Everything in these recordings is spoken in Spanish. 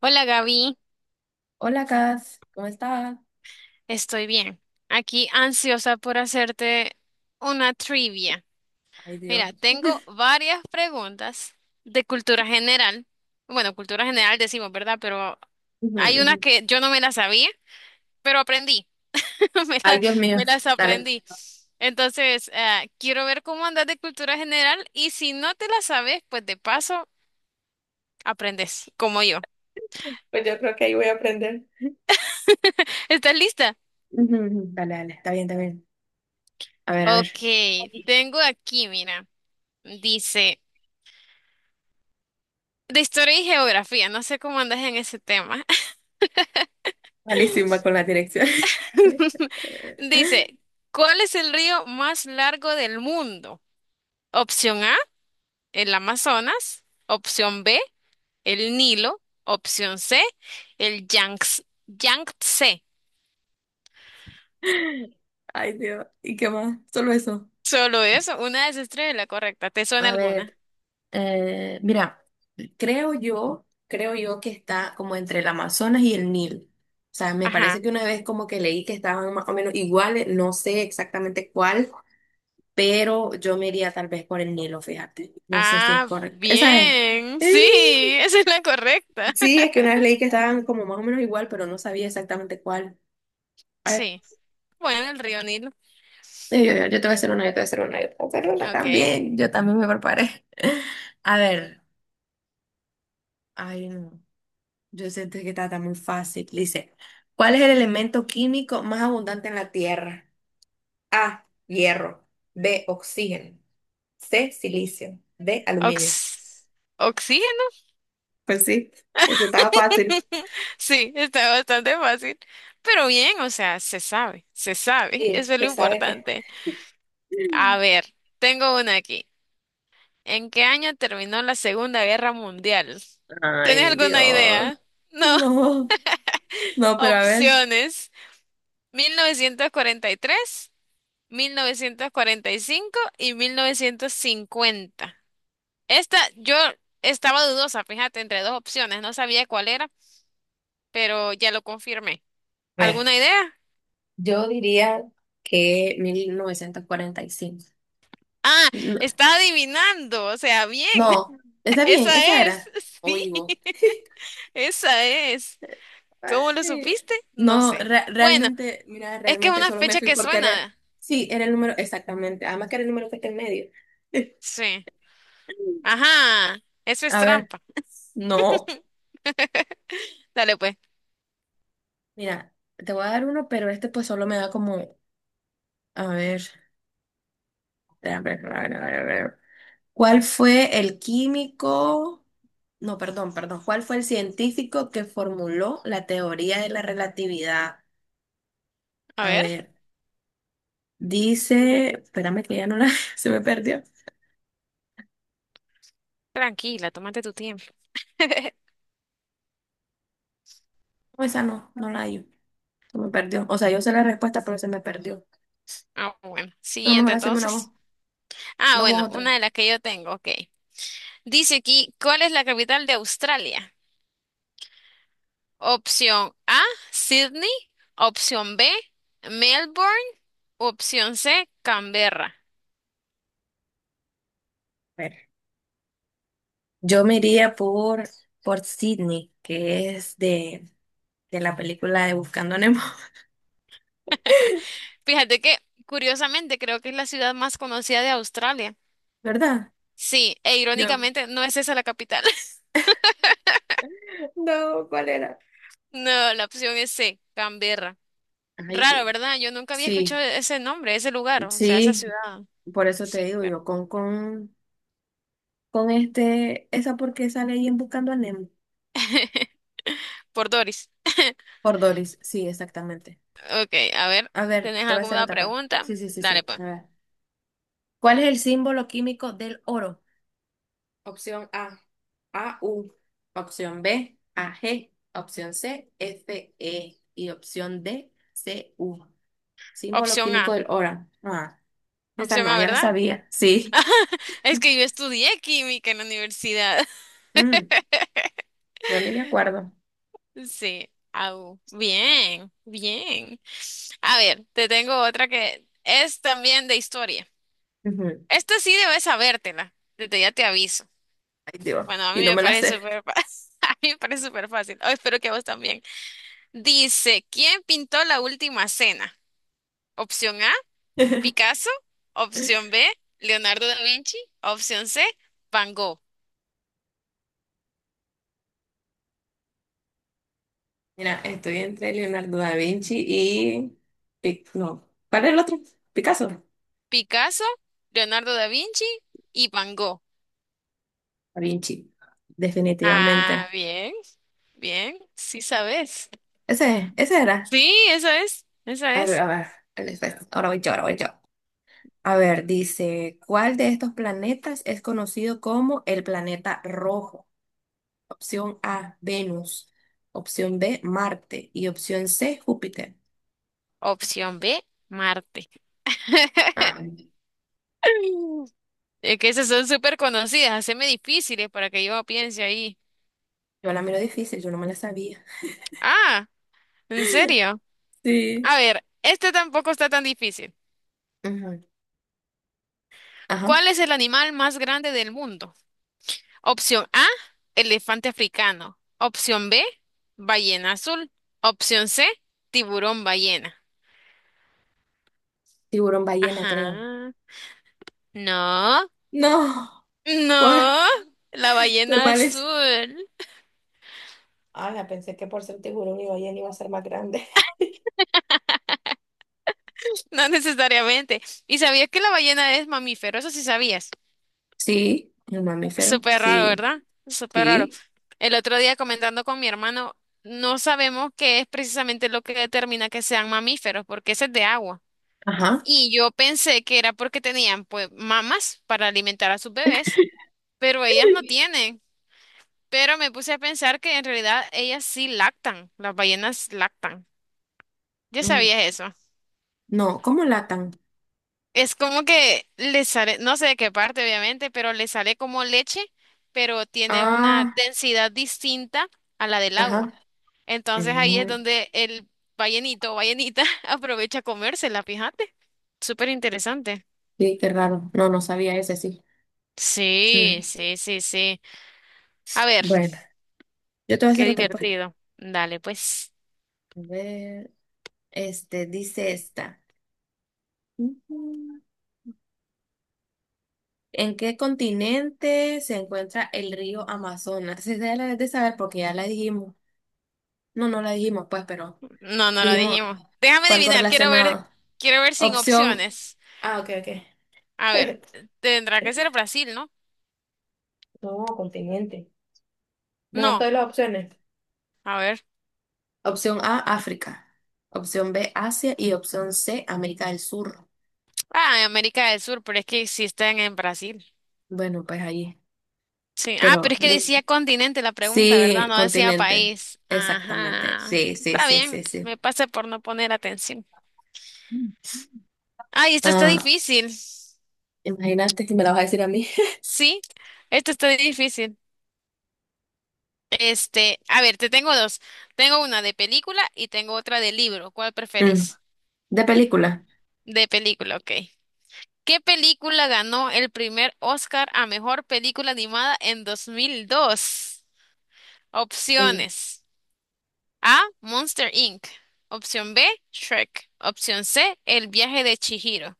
Hola Gaby, Hola, Cas, ¿cómo estás? estoy bien. Aquí ansiosa por hacerte una trivia. Ay, Dios. Mira, tengo varias preguntas de cultura general. Bueno, cultura general decimos, ¿verdad? Pero Ujú, hay ujú. unas que yo no me las sabía, pero aprendí. Me Ay, las, Dios mío. me las Dale. aprendí. Entonces, quiero ver cómo andas de cultura general y si no te las sabes, pues de paso aprendes, como yo. Pues yo creo que ahí voy a aprender. ¿Estás lista? Ujú, ujú. Dale, dale. Está bien, está bien. A ver, a Ok, ver. tengo aquí, mira, dice... De historia y geografía, no sé cómo andas en ese tema. Malísima con la dirección. Dice, ¿cuál es el río más largo del mundo? Opción A, el Amazonas. Opción B, el Nilo. Opción C, el Yangtze. Ay, Dios. ¿Y qué más? Solo eso. Solo eso, una de esas tres es la correcta. ¿Te suena A ver, alguna? Mira, creo yo que está como entre el Amazonas y el Nilo. O sea, me parece Ajá. que una vez como que leí que estaban más o menos iguales, no sé exactamente cuál, pero yo me iría tal vez por el Nilo, fíjate. No sé si es Ah, correcto. Esa es. bien. Sí, ¡Ey! esa es la correcta. Sí, es que una vez leí que estaban como más o menos igual, pero no sabía exactamente cuál. A ver, Sí. Bueno, el río Nilo. yo te voy a hacer una, yo te voy a hacer una, yo te voy a hacer una Ok. también. Yo también me preparé. A ver, ay no, yo siento que está, tan muy fácil. Dice, ¿cuál es el elemento químico más abundante en la Tierra? A, hierro. B, oxígeno. C, silicio. D, aluminio. Ox- Oxígeno. Pues sí, eso estaba fácil. Sí, está bastante fácil. Pero bien, o sea, se sabe, se sabe. Sí, Eso es lo se sabe que. importante. A ver, tengo una aquí. ¿En qué año terminó la Segunda Guerra Mundial? ¿Tenés Ay, alguna Dios. idea? No. No, no, pero a ver. Opciones. 1943, 1945 y 1950. Esta, yo estaba dudosa, fíjate, entre dos opciones. No sabía cuál era, pero ya lo confirmé. A ver, ¿Alguna idea? yo diría que 1945. Ah, No, está adivinando, o sea, bien, no, está bien, esa esa es, era. O sí, Ivo. esa es. ¿Cómo lo Ay, supiste? No no, sé. Bueno, realmente, mira, es que es realmente una solo me fecha fui que porque era, suena. sí, era el número, exactamente, además que era el número que está en medio. Sí. Ajá, eso es A ver, trampa. no, Dale pues, mira, te voy a dar uno, pero este pues solo me da como, a ver, a ver. ¿Cuál fue el químico? No, perdón. ¿Cuál fue el científico que formuló la teoría de la relatividad? a A ver. ver, dice, espérame que ya no la, se me perdió. Tranquila, tómate tu tiempo. No, esa no, no la hay. Se me perdió. O sea, yo sé la respuesta, pero se me perdió. Ah, bueno, No, siguiente mejor hacerme una voz. entonces. Ah, No vos bueno, una otra. de las que yo tengo, ok. Dice aquí, ¿cuál es la capital de Australia? Opción A, Sydney. Opción B, Melbourne. Opción C, Canberra. A ver. Yo me iría por Sidney, que es de la película de Buscando a Nemo, Fíjate que, curiosamente, creo que es la ciudad más conocida de Australia. ¿verdad? Sí, e Yo. irónicamente, no es esa la capital. No, ¿cuál era? No, la opción es C, Canberra. Ay, Raro, Dios. ¿verdad? Yo nunca había Sí. escuchado ese nombre, ese lugar, o sea, esa Sí, ciudad. por eso te Sí, digo pero yo, con este, esa porque sale ahí en Buscando a Nemo. por Doris. Por Doris, sí, exactamente. Ok, a ver, A ver, ¿tenés te voy a hacer alguna otra parte. pregunta? Sí, sí, sí, sí. Dale, pues. A ver. ¿Cuál es el símbolo químico del oro? Opción A, AU. Opción B, AG. Opción C, FE. Y opción D, CU. Símbolo Opción químico A. del oro. Ah, esa Opción no, A, ya la ¿verdad? sabía. Sí. Es que yo estudié química en la universidad. Mm, yo ni me acuerdo. Sí. Au. Bien, bien. A ver, te tengo otra que es también de historia. Ujú. Esta sí debes sabértela. Desde ya te aviso. Ay, Dios. Bueno, a mí Y no me me la parece sé. súper fácil. A mí me parece súper fácil. Oh, espero que a vos también. Dice, ¿quién pintó la última cena? Opción A, Picasso. Opción B, Leonardo da Vinci. Opción C, Van Gogh. Mira, estoy entre Leonardo da Vinci y... No, ¿cuál era el otro? Picasso. Picasso, Leonardo da Vinci y Van Gogh. Da Vinci, Ah, definitivamente. bien, bien, sí sabes. Ese era. Sí, esa es, esa A ver, es. a ver, el espejo. Ahora voy yo. A ver, dice, ¿cuál de estos planetas es conocido como el planeta rojo? Opción A, Venus. Opción B, Marte. Y opción C, Júpiter. Opción B, Marte. Ah, Es que esas son súper conocidas, haceme difíciles para que yo piense ahí. yo la miro difícil, yo no me la sabía. Ah, ¿en serio? Sí. A ver, este tampoco está tan difícil. Ujú. Ajá. ¿Cuál es el animal más grande del mundo? Opción A, elefante africano. Opción B, ballena azul. Opción C, tiburón ballena. Tiburón ballena, creo. Ajá. No. No. ¿Cuál? No, la ballena ¿Animales? azul, Ah, Ala, pensé que por ser tiburón y ballena iba a ser más grande. no necesariamente. ¿Y sabías que la ballena es mamífero? Eso sí sabías. Sí, el mamífero. Súper raro, Sí, ¿verdad? Súper raro. sí. El otro día comentando con mi hermano, no sabemos qué es precisamente lo que determina que sean mamíferos, porque ese es de agua. Ajá. Y yo pensé que era porque tenían pues mamas para alimentar a sus bebés, pero ellas no tienen. Pero me puse a pensar que en realidad ellas sí lactan, las ballenas lactan. ¿Ya Mm, sabías eso? No, ¿cómo latan? Es como que le sale, no sé de qué parte obviamente, pero le sale como leche, pero tiene una Ah, densidad distinta a la del ajá. agua. Entonces ahí es Mm, donde el ballenito o ballenita aprovecha a comérsela, fíjate. Súper interesante. Sí, qué raro. No, no sabía ese, sí. Sí, Mm, sí, sí, sí. A ver, Bueno, yo te voy a qué hacer otra pues. A divertido. Dale, pues. ver, este, dice esta. Ujú. ¿En qué continente se encuentra el río Amazonas? Esa ya la debes de saber porque ya la dijimos. No, no la dijimos, pues, pero No, no la dijimos, dijimos. Déjame fue algo adivinar, relacionado. quiero ver sin Opción, opciones. ah, ok, A ok. ver, tendrá que ser Brasil, ¿no? No, continente. Mejor No, todas las opciones. a ver. Opción A, África. Opción B, Asia. Y opción C, América del Sur. Ah, en América del Sur, pero es que sí están en Brasil. Bueno, pues ahí. Sí. Ah, Pero pero es que decía continente la pregunta, ¿verdad? sí, No decía continente. país. Exactamente. Ajá. Sí, sí, Está sí, bien, sí, sí. me pasa por no poner atención. Mm. Ay, esto está Ah, difícil. imagínate que me la vas a decir a mí. Sí, esto está difícil. Este, a ver, te tengo dos. Tengo una de película y tengo otra de libro. ¿Cuál Mm. preferís? De película. De película, ok. ¿Qué película ganó el primer Oscar a mejor película animada en 2002? Sí. Opciones. A. Monster Inc. Opción B. Shrek. Opción C. El viaje de Chihiro.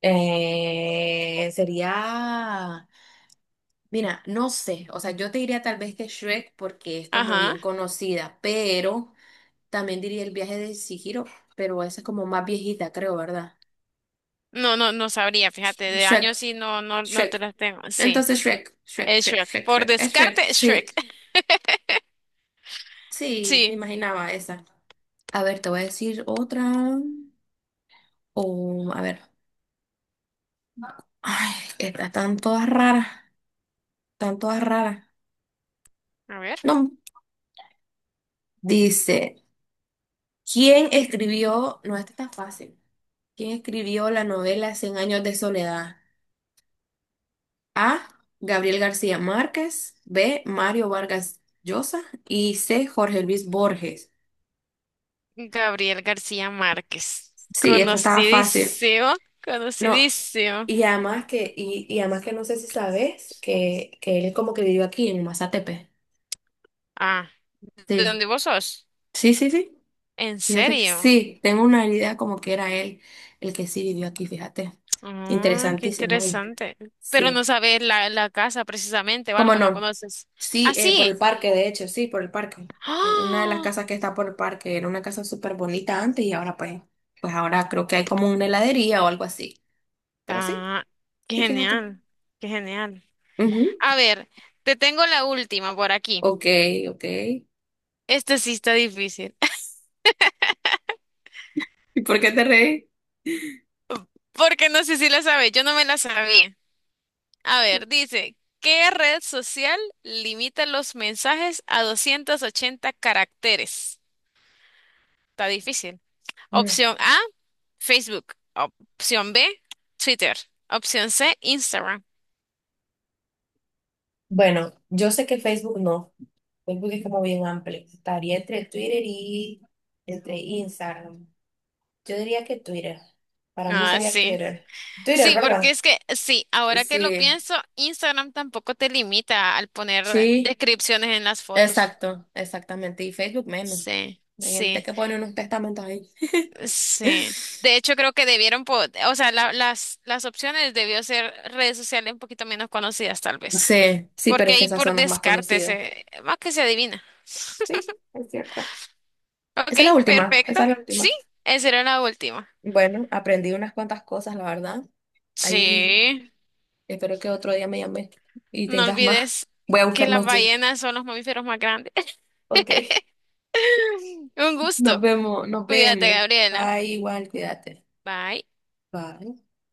Sería. Mira, no sé, o sea, yo te diría tal vez que Shrek porque es como Ajá. bien conocida, pero también diría el viaje de Chihiro, pero esa es como más viejita, creo, ¿verdad? No, no, no sabría, fíjate, de Shrek, años sí, no, no, no te Shrek. las tengo. Sí, Entonces es Shrek. Por Shrek, es Shrek, descarte, sí, Shrek. sí, me Sí. imaginaba esa. A ver, te voy a decir otra, o a ver, ay, estas están todas raras, están todas raras. A ver. No, dice, ¿quién escribió? No, esta está fácil. ¿Quién escribió la novela Cien años de soledad? A. Gabriel García Márquez. B. Mario Vargas Llosa. Y C. Jorge Luis Borges. Gabriel García Márquez. Sí, esta estaba fácil. Conocidísimo, No. conocidísimo. Y además que, y además que no sé si sabes que él como que vivió aquí en Mazatepe. Ah, ¿de Sí. dónde vos sos? Sí, sí, sí. ¿En Fíjate que serio? sí, tengo una idea como que era él el que sí vivió aquí, fíjate. Ah, qué Interesantísimo, ¿viste? interesante. Pero no Sí. sabes la casa precisamente o ¿Cómo algo, no no? conoces. Sí, Ah, por el sí. parque, de hecho, sí, por el parque. Una de las ¡Ah! casas que está por el parque era una casa súper bonita antes y ahora pues, pues ahora creo que hay como una heladería o algo así. Pero sí, Ah, qué sí, fíjate. genial, qué genial. Ujú. A ver, te tengo la última por aquí. Ok, ok. Esta sí está difícil, ¿Y por qué te reí? porque no sé si la sabes, yo no me la sabía. A ver, dice, ¿qué red social limita los mensajes a 280 caracteres? Está difícil. Mm, Opción A, Facebook. Opción B, Twitter. Opción C, Instagram. Bueno, yo sé que Facebook no. Facebook es como bien amplio. Estaría entre Twitter y entre Instagram. Yo diría que Twitter. Para mí Ah, sería sí. Twitter. Twitter, Sí, porque ¿verdad? es que sí, ahora que lo Sí, pienso, Instagram tampoco te limita al poner sí. descripciones en las fotos. Exacto, exactamente. Y Facebook menos. Sí, Hay gente sí, que pone unos testamentos ahí. sí. De hecho, creo que debieron, o sea, las opciones debió ser redes sociales un poquito menos conocidas, tal vez. Sí, sí, pero Porque es que ahí esas por son las más descarte, conocidas. se, más que se adivina. Sí, es cierto. Ok, perfecto. Esa es la última. Sí, esa era la última. Bueno, aprendí unas cuantas cosas, la verdad. Ahí Sí, espero que otro día me llames y no tengas más. olvides Voy a que buscar las más yo. ballenas son los mamíferos más grandes. Ok. Un gusto. Nos Cuídate, vemos. Gabriela. Bye, igual, cuídate. Bye. Bye.